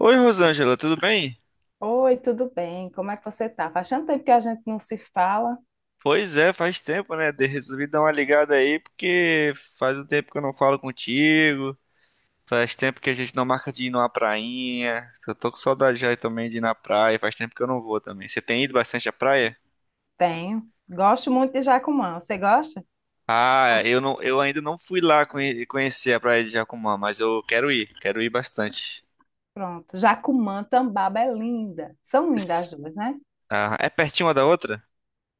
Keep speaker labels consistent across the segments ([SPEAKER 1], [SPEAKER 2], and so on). [SPEAKER 1] Oi, Rosângela, tudo bem?
[SPEAKER 2] Oi, tudo bem? Como é que você tá? Faz tanto tempo que a gente não se fala.
[SPEAKER 1] Pois é, faz tempo, né? Resolvi dar uma ligada aí porque faz um tempo que eu não falo contigo, faz tempo que a gente não marca de ir numa prainha. Eu tô com saudade já também de ir na praia, faz tempo que eu não vou também. Você tem ido bastante à praia?
[SPEAKER 2] Tenho. Gosto muito de Jacumã. Você gosta?
[SPEAKER 1] Ah,
[SPEAKER 2] Com-
[SPEAKER 1] eu não, eu ainda não fui lá conhecer a praia de Jacumã, mas eu quero ir bastante.
[SPEAKER 2] Pronto. Jacumã, Tambaba é linda. São
[SPEAKER 1] S-
[SPEAKER 2] lindas as duas, né?
[SPEAKER 1] Ah, é pertinho uma da outra?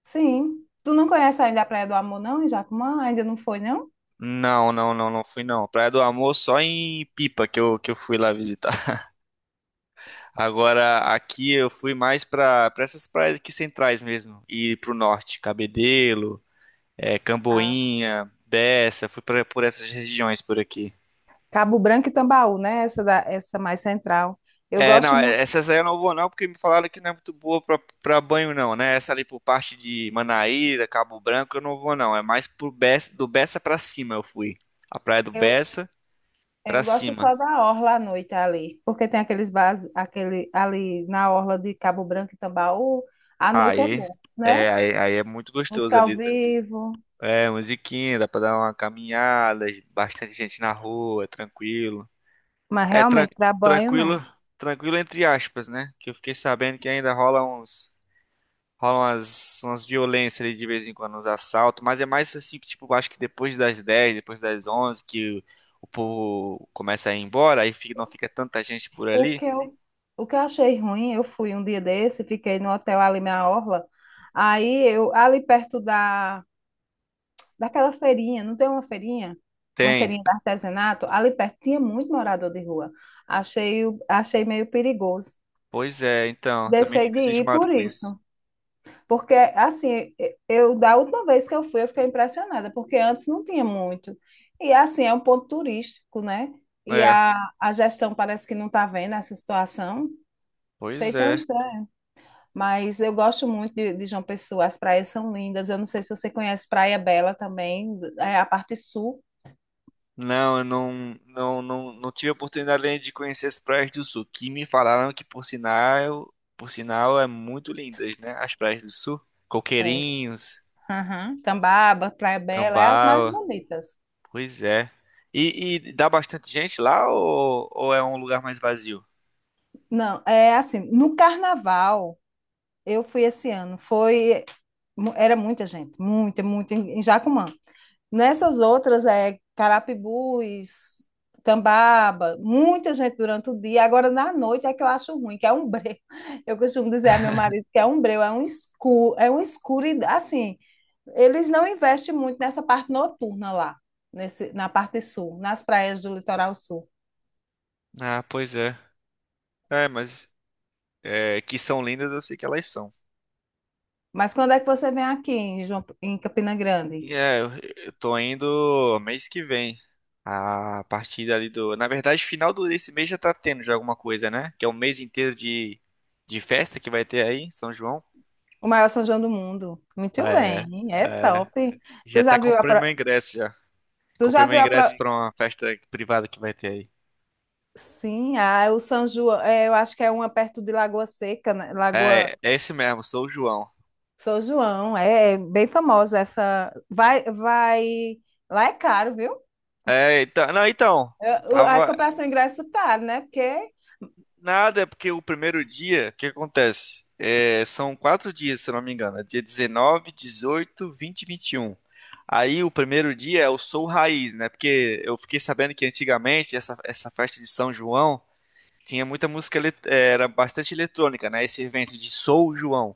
[SPEAKER 2] Sim. Tu não conhece ainda a Praia do Amor, não, em Jacumã? Ainda não foi, não?
[SPEAKER 1] Não, não, não, não fui não. Praia do Amor só em Pipa que eu fui lá visitar. Agora, aqui eu fui mais para essas praias aqui centrais mesmo, e para o norte, Cabedelo,
[SPEAKER 2] Ah,
[SPEAKER 1] Camboinha, Bessa, fui por essas regiões por aqui.
[SPEAKER 2] Cabo Branco e Tambaú, né? Essa mais central. Eu
[SPEAKER 1] É, não,
[SPEAKER 2] gosto muito.
[SPEAKER 1] essas aí eu não vou não, porque me falaram que não é muito boa para banho não, né? Essa ali por parte de Manaíra, Cabo Branco, eu não vou não, é mais pro Bessa, do Bessa para cima eu fui. A praia do
[SPEAKER 2] Eu,
[SPEAKER 1] Bessa para
[SPEAKER 2] eu gosto
[SPEAKER 1] cima.
[SPEAKER 2] só da orla à noite ali, porque tem aqueles bares, aquele ali na orla de Cabo Branco e Tambaú, à noite é
[SPEAKER 1] Aí,
[SPEAKER 2] bom,
[SPEAKER 1] é,
[SPEAKER 2] né?
[SPEAKER 1] aí, aí é muito gostoso
[SPEAKER 2] Música ao
[SPEAKER 1] ali.
[SPEAKER 2] vivo.
[SPEAKER 1] É, musiquinha, dá pra dar uma caminhada, bastante gente na rua, tranquilo.
[SPEAKER 2] Mas
[SPEAKER 1] É,
[SPEAKER 2] realmente, para banho, não.
[SPEAKER 1] tranquilo, tranquilo entre aspas, né? Que eu fiquei sabendo que ainda rola umas violências ali de vez em quando, uns assaltos, mas é mais assim, tipo, acho que depois das 10, depois das 11, que o povo começa a ir embora, aí não fica tanta gente por
[SPEAKER 2] O
[SPEAKER 1] ali.
[SPEAKER 2] que eu, o que eu achei ruim, eu fui um dia desse, fiquei no hotel ali na Orla. Aí eu, ali perto da, daquela feirinha, não tem uma feirinha? Uma
[SPEAKER 1] Tem.
[SPEAKER 2] feirinha de artesanato, ali perto tinha muito morador de rua. Achei meio perigoso.
[SPEAKER 1] Pois é, então, também
[SPEAKER 2] Deixei
[SPEAKER 1] fico
[SPEAKER 2] de ir
[SPEAKER 1] cismado
[SPEAKER 2] por
[SPEAKER 1] com isso.
[SPEAKER 2] isso. Porque, assim, eu da última vez que eu fui, eu fiquei impressionada, porque antes não tinha muito. E, assim, é um ponto turístico, né? E
[SPEAKER 1] É,
[SPEAKER 2] a, a gestão parece que não está vendo essa situação. Achei
[SPEAKER 1] pois
[SPEAKER 2] tão
[SPEAKER 1] é.
[SPEAKER 2] estranho. Mas eu gosto muito de João Pessoa, as praias são lindas. Eu não sei se você conhece Praia Bela também, é a parte sul.
[SPEAKER 1] Não, eu não tive a oportunidade ainda de conhecer as praias do sul, que me falaram que por sinal é muito lindas, né? As praias do sul,
[SPEAKER 2] É.
[SPEAKER 1] Coqueirinhos,
[SPEAKER 2] Aham. Tambaba, Praia Bela, é as mais
[SPEAKER 1] Tambaú,
[SPEAKER 2] bonitas.
[SPEAKER 1] pois é. E dá bastante gente lá ou é um lugar mais vazio?
[SPEAKER 2] Não, é assim, no carnaval. Eu fui esse ano. Foi era muita gente, muita, muita em Jacumã. Nessas outras é Carapibus, Tambaba, muita gente durante o dia. Agora, na noite, é que eu acho ruim, que é um breu. Eu costumo dizer a meu marido que é um breu, é um escuro, e, assim, eles não investem muito nessa parte noturna lá, na parte sul, nas praias do litoral sul.
[SPEAKER 1] Ah, pois é. É, mas é, que são lindas, eu sei que elas são.
[SPEAKER 2] Mas quando é que você vem aqui em, em Campina Grande?
[SPEAKER 1] E É, eu eu tô indo mês que vem. A partir ali do. Na verdade, final desse mês já tá tendo já alguma coisa, né? Que é um mês inteiro de festa que vai ter aí, em São João.
[SPEAKER 2] O maior São João do mundo. Muito
[SPEAKER 1] É,
[SPEAKER 2] bem, é
[SPEAKER 1] é.
[SPEAKER 2] top.
[SPEAKER 1] Já
[SPEAKER 2] Tu já
[SPEAKER 1] até
[SPEAKER 2] viu a
[SPEAKER 1] comprei meu
[SPEAKER 2] pro...
[SPEAKER 1] ingresso já.
[SPEAKER 2] Tu
[SPEAKER 1] Comprei
[SPEAKER 2] já
[SPEAKER 1] meu
[SPEAKER 2] viu a pro...
[SPEAKER 1] ingresso pra uma festa privada que vai ter aí.
[SPEAKER 2] Sim, ah, o São João, é, eu acho que é uma perto de Lagoa Seca, né? Lagoa
[SPEAKER 1] É, é esse mesmo, sou o João.
[SPEAKER 2] São João, é, é bem famosa essa. Vai, vai. Lá é caro, viu?
[SPEAKER 1] É, então. Não, então.
[SPEAKER 2] A
[SPEAKER 1] Tava.
[SPEAKER 2] comprar seu ingresso é caro, né? Porque.
[SPEAKER 1] Nada, é porque o primeiro dia, o que acontece? É, são 4 dias, se eu não me engano. É dia 19, 18, 20 e 21. Aí o primeiro dia é o Sol Raiz, né? Porque eu fiquei sabendo que antigamente essa festa de São João tinha muita música, era bastante eletrônica, né? Esse evento de Sou João,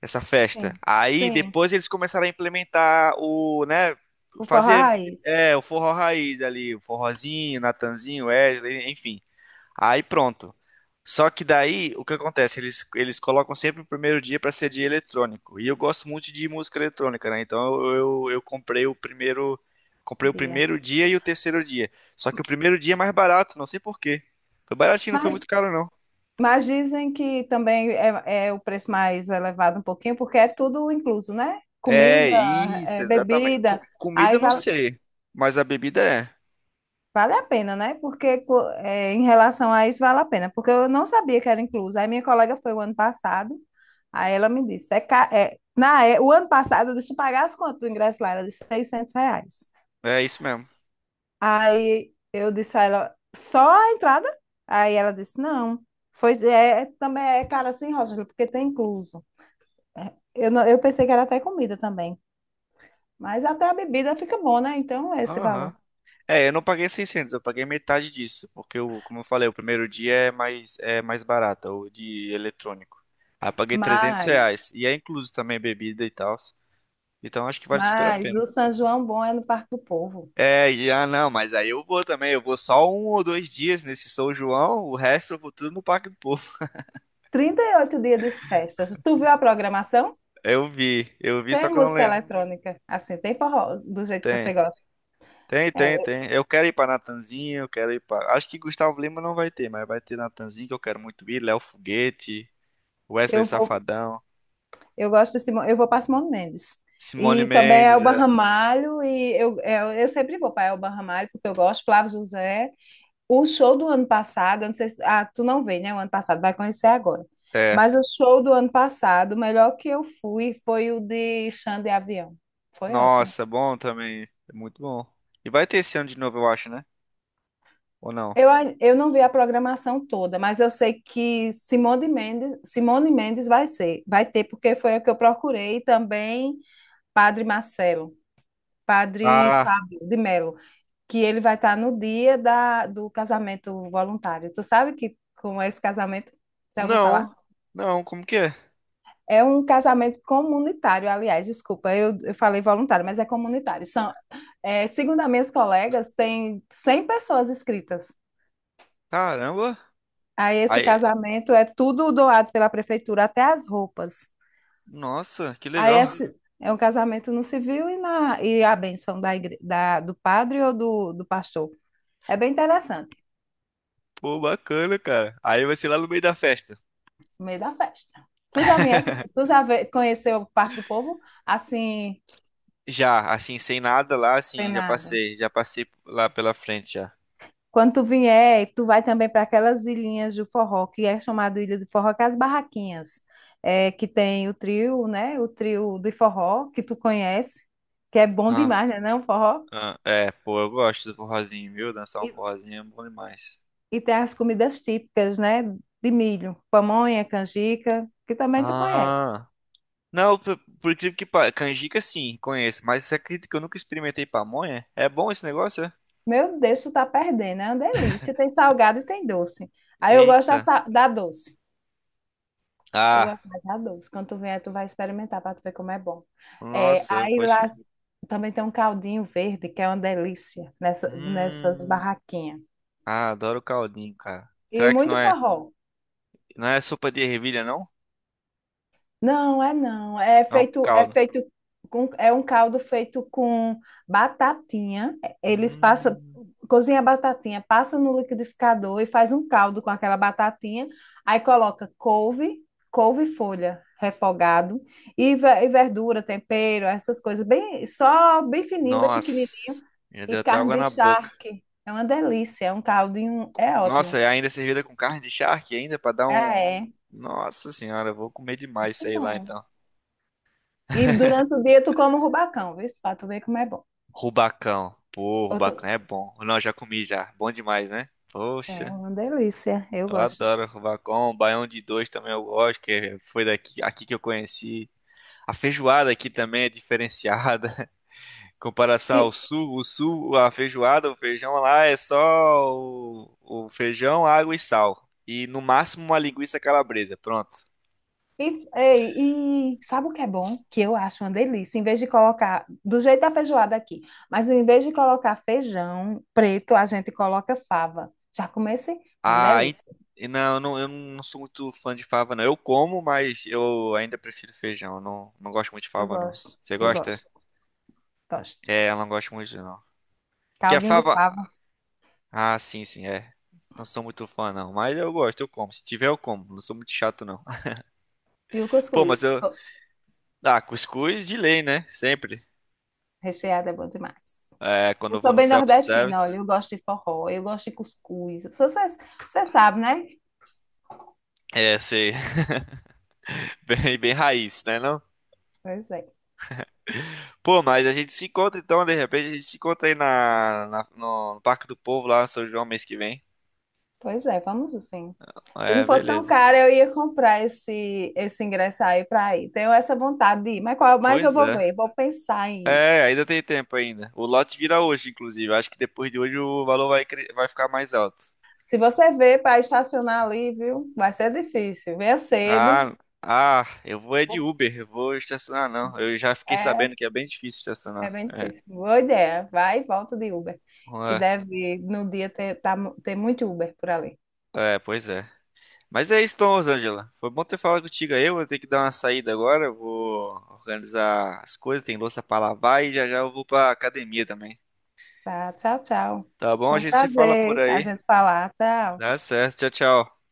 [SPEAKER 1] essa festa.
[SPEAKER 2] Sim,
[SPEAKER 1] Aí
[SPEAKER 2] sim.
[SPEAKER 1] depois eles começaram a implementar o, né?
[SPEAKER 2] O forró
[SPEAKER 1] Fazer,
[SPEAKER 2] raiz.
[SPEAKER 1] o forró raiz ali, o forrozinho, Natanzinho, Wesley, enfim. Aí pronto. Só que daí, o que acontece? Eles colocam sempre o primeiro dia para ser dia eletrônico. E eu gosto muito de música eletrônica, né? Então eu comprei comprei o
[SPEAKER 2] Dia.
[SPEAKER 1] primeiro dia e o terceiro dia. Só que o primeiro dia é mais barato, não sei por quê. Foi baratinho, não foi
[SPEAKER 2] Mas
[SPEAKER 1] muito caro, não.
[SPEAKER 2] Mas dizem que também é o preço mais elevado um pouquinho, porque é tudo incluso, né?
[SPEAKER 1] É,
[SPEAKER 2] Comida,
[SPEAKER 1] isso,
[SPEAKER 2] é,
[SPEAKER 1] exatamente.
[SPEAKER 2] bebida,
[SPEAKER 1] Comida
[SPEAKER 2] aí
[SPEAKER 1] eu não
[SPEAKER 2] vale,
[SPEAKER 1] sei, mas a bebida é.
[SPEAKER 2] vale a pena, né? Porque em relação a isso vale a pena, porque eu não sabia que era incluso. Aí minha colega foi o ano passado, aí ela me disse, o ano passado deixa eu pagar as contas do ingresso lá, era de R$ 600.
[SPEAKER 1] É isso mesmo.
[SPEAKER 2] Aí eu disse a ela, só a entrada? Aí ela disse, não, também é caro assim, Rosângela, porque tem incluso. Eu, não- eu pensei que era até comida também, mas até a bebida fica bom, né? Então é esse valor.
[SPEAKER 1] Aham. É, eu não paguei 600, eu paguei metade disso, porque como eu falei, o primeiro dia é mais barato, o de eletrônico. Aí eu paguei 300
[SPEAKER 2] Mas,
[SPEAKER 1] reais e é incluso também bebida e tal. Então acho que vale super a
[SPEAKER 2] mas
[SPEAKER 1] pena.
[SPEAKER 2] o São João bom é no Parque do Povo.
[SPEAKER 1] É, não, mas aí eu vou também, eu vou só 1 ou 2 dias nesse São João, o resto eu vou tudo no Parque do Povo.
[SPEAKER 2] 38 dias de festas. Tu viu a programação?
[SPEAKER 1] Eu vi, só
[SPEAKER 2] Tem
[SPEAKER 1] que eu não
[SPEAKER 2] música
[SPEAKER 1] lembro.
[SPEAKER 2] eletrônica, assim, tem forró, do jeito que
[SPEAKER 1] Tem,
[SPEAKER 2] você gosta.
[SPEAKER 1] tem,
[SPEAKER 2] É,
[SPEAKER 1] tem, tem. Eu quero ir pra Natanzinho, eu quero ir pra. Acho que Gustavo Lima não vai ter, mas vai ter Natanzinho que eu quero muito ir, Léo Foguete, Wesley
[SPEAKER 2] eu vou,
[SPEAKER 1] Safadão.
[SPEAKER 2] eu gosto de Simão, eu vou para Simone Mendes.
[SPEAKER 1] Simone
[SPEAKER 2] E também
[SPEAKER 1] Mendes,
[SPEAKER 2] Elba
[SPEAKER 1] é.
[SPEAKER 2] Ramalho, e eu sempre vou para Elba Ramalho, porque eu gosto, Flávio José. O show do ano passado, eu não sei se, ah, tu não vê, né? O ano passado, vai conhecer agora.
[SPEAKER 1] É.
[SPEAKER 2] Mas o show do ano passado, o melhor que eu fui foi o de Xande Avião. Foi ótimo.
[SPEAKER 1] Nossa, bom também. É muito bom. E vai ter esse ano de novo, eu acho, né? Ou não?
[SPEAKER 2] Eu não vi a programação toda, mas eu sei que Simone Mendes vai ser, vai ter, porque foi o que eu procurei, e também Padre Marcelo, Padre
[SPEAKER 1] Ah,
[SPEAKER 2] Fábio de Melo, que ele vai estar no dia do casamento voluntário. Tu sabe que como é esse casamento? Já ouviu falar?
[SPEAKER 1] não. Não, como que é?
[SPEAKER 2] É um casamento comunitário, aliás, desculpa, eu falei voluntário, mas é comunitário. Segundo as minhas colegas, tem 100 pessoas inscritas.
[SPEAKER 1] Caramba.
[SPEAKER 2] Aí esse
[SPEAKER 1] Aí,
[SPEAKER 2] casamento é tudo doado pela prefeitura, até as roupas.
[SPEAKER 1] nossa, que
[SPEAKER 2] Aí
[SPEAKER 1] legal.
[SPEAKER 2] esse é um casamento no civil e a bênção do padre ou do pastor. É bem interessante,
[SPEAKER 1] Pô, bacana, cara. Aí vai ser lá no meio da festa.
[SPEAKER 2] no meio da festa. Tu já, vier, tu já conheceu o Parque do Povo? Assim,
[SPEAKER 1] Já, assim, sem nada lá,
[SPEAKER 2] tem
[SPEAKER 1] assim, já
[SPEAKER 2] nada.
[SPEAKER 1] passei, já passei lá pela frente já.
[SPEAKER 2] Quando tu vier, tu vai também para aquelas ilhinhas do forró, que é chamado Ilha do Forró, que é as barraquinhas, é, que tem o trio, né? O trio de forró, que tu conhece, que é bom
[SPEAKER 1] Ah,
[SPEAKER 2] demais, né? Não, forró?
[SPEAKER 1] ah, é, pô, eu gosto do forrozinho, viu? Dançar
[SPEAKER 2] E,
[SPEAKER 1] um forrozinho é bom demais.
[SPEAKER 2] e tem as comidas típicas, né? De milho, pamonha, canjica, que também tu conhece.
[SPEAKER 1] Ah. Não, por incrível que pareça, canjica sim, conheço, mas você acredita que eu nunca experimentei pamonha? É bom esse negócio? É?
[SPEAKER 2] Meu Deus, tu tá perdendo, é uma delícia. Tem salgado e tem doce. Aí eu gosto da,
[SPEAKER 1] Eita.
[SPEAKER 2] sa- da doce. Eu
[SPEAKER 1] Ah,
[SPEAKER 2] gosto mais da doce. Quando tu vier, tu vai experimentar para tu ver como é bom. É,
[SPEAKER 1] nossa,
[SPEAKER 2] aí
[SPEAKER 1] poxa.
[SPEAKER 2] lá Também tem um caldinho verde, que é uma delícia, nessas
[SPEAKER 1] Hum.
[SPEAKER 2] barraquinhas.
[SPEAKER 1] Ah, adoro caldinho, cara.
[SPEAKER 2] E
[SPEAKER 1] Será que
[SPEAKER 2] muito
[SPEAKER 1] não é,
[SPEAKER 2] forró.
[SPEAKER 1] não é sopa de ervilha, não?
[SPEAKER 2] Não, é não.
[SPEAKER 1] É um
[SPEAKER 2] É
[SPEAKER 1] caldo.
[SPEAKER 2] feito é um caldo feito com batatinha. Eles passam,
[SPEAKER 1] Hum.
[SPEAKER 2] cozinha a batatinha, passa no liquidificador e faz um caldo com aquela batatinha. Aí coloca couve, couve-folha refogado e verdura, tempero, essas coisas bem, só bem fininho, bem pequenininho.
[SPEAKER 1] Nossa, já
[SPEAKER 2] E
[SPEAKER 1] deu até
[SPEAKER 2] carne
[SPEAKER 1] água
[SPEAKER 2] de
[SPEAKER 1] na boca.
[SPEAKER 2] charque. É uma delícia. É um caldinho. É ótimo.
[SPEAKER 1] Nossa, e ainda servida com carne de charque ainda pra dar um.
[SPEAKER 2] É, é.
[SPEAKER 1] Nossa senhora, eu vou comer demais
[SPEAKER 2] Muito
[SPEAKER 1] isso aí lá
[SPEAKER 2] bom.
[SPEAKER 1] então.
[SPEAKER 2] E durante o dia tu come o rubacão, viu? Pra tu ver como é bom.
[SPEAKER 1] Rubacão. Pô,
[SPEAKER 2] Ou
[SPEAKER 1] rubacão é bom. Não, já comi já. Bom demais, né?
[SPEAKER 2] É
[SPEAKER 1] Poxa,
[SPEAKER 2] uma delícia. Eu
[SPEAKER 1] eu
[SPEAKER 2] gosto.
[SPEAKER 1] adoro rubacão. Baião de dois também eu gosto, que foi aqui que eu conheci. A feijoada aqui também é diferenciada. Em comparação ao
[SPEAKER 2] E,
[SPEAKER 1] sul, a feijoada, o feijão lá é só o feijão, água e sal. E no máximo uma linguiça calabresa. Pronto.
[SPEAKER 2] e sabe o que é bom? Que eu acho uma delícia. Em vez de colocar. Do jeito da feijoada aqui. Mas em vez de colocar feijão preto, a gente coloca fava. Já comecei? Uma
[SPEAKER 1] Ah,
[SPEAKER 2] delícia.
[SPEAKER 1] não, eu não sou muito fã de fava, não. Eu como, mas eu ainda prefiro feijão. Eu não gosto muito de fava, não. Você
[SPEAKER 2] Eu
[SPEAKER 1] gosta?
[SPEAKER 2] gosto. Gosto.
[SPEAKER 1] É, eu não gosto muito, não. Que a
[SPEAKER 2] Caldinho de
[SPEAKER 1] fava.
[SPEAKER 2] fava.
[SPEAKER 1] Ah, sim, sim, é. Não sou muito fã, não. Mas eu gosto, eu como. Se tiver, eu como. Não sou muito chato, não.
[SPEAKER 2] E o
[SPEAKER 1] Pô,
[SPEAKER 2] cuscuz.
[SPEAKER 1] mas eu. Ah, cuscuz de lei, né? Sempre.
[SPEAKER 2] Recheado é bom demais.
[SPEAKER 1] É, quando
[SPEAKER 2] Eu
[SPEAKER 1] eu vou
[SPEAKER 2] sou
[SPEAKER 1] no
[SPEAKER 2] bem nordestina,
[SPEAKER 1] self-service.
[SPEAKER 2] olha, eu gosto de forró, eu gosto de cuscuz. Você você sabe, né?
[SPEAKER 1] É, sei. Bem, bem raiz, né, não?
[SPEAKER 2] Pois é,
[SPEAKER 1] Pô, mas a gente se encontra então, de repente, a gente se encontra aí no Parque do Povo, lá, em São João, mês que vem.
[SPEAKER 2] pois é, vamos sim. Se não
[SPEAKER 1] É,
[SPEAKER 2] fosse tão
[SPEAKER 1] beleza.
[SPEAKER 2] caro, eu ia comprar esse ingresso aí para ir. Tenho essa vontade de ir, mas qual mais eu
[SPEAKER 1] Pois
[SPEAKER 2] vou
[SPEAKER 1] é.
[SPEAKER 2] ver? Vou pensar em ir.
[SPEAKER 1] É, ainda tem tempo ainda. O lote vira hoje, inclusive. Acho que depois de hoje o valor vai ficar mais alto.
[SPEAKER 2] Se você vê para estacionar ali, viu? Vai ser difícil. Venha cedo.
[SPEAKER 1] Ah, ah, eu vou é de Uber, eu vou estacionar não. Eu já fiquei
[SPEAKER 2] É,
[SPEAKER 1] sabendo que é bem difícil
[SPEAKER 2] é
[SPEAKER 1] estacionar.
[SPEAKER 2] bem
[SPEAKER 1] É,
[SPEAKER 2] difícil. Boa ideia. Vai e volta de Uber, que deve no dia ter, ter muito Uber por ali.
[SPEAKER 1] é, é, pois é. Mas é isso, então, Rosângela. Foi bom ter falado contigo aí. Eu vou ter que dar uma saída agora. Eu vou organizar as coisas, tem louça pra lavar e já já eu vou pra academia também.
[SPEAKER 2] Tá, tchau, tchau.
[SPEAKER 1] Tá bom?
[SPEAKER 2] Foi
[SPEAKER 1] A
[SPEAKER 2] um
[SPEAKER 1] gente se fala por
[SPEAKER 2] prazer a
[SPEAKER 1] aí.
[SPEAKER 2] gente falar. Tchau.
[SPEAKER 1] Dá certo. Tchau, tchau.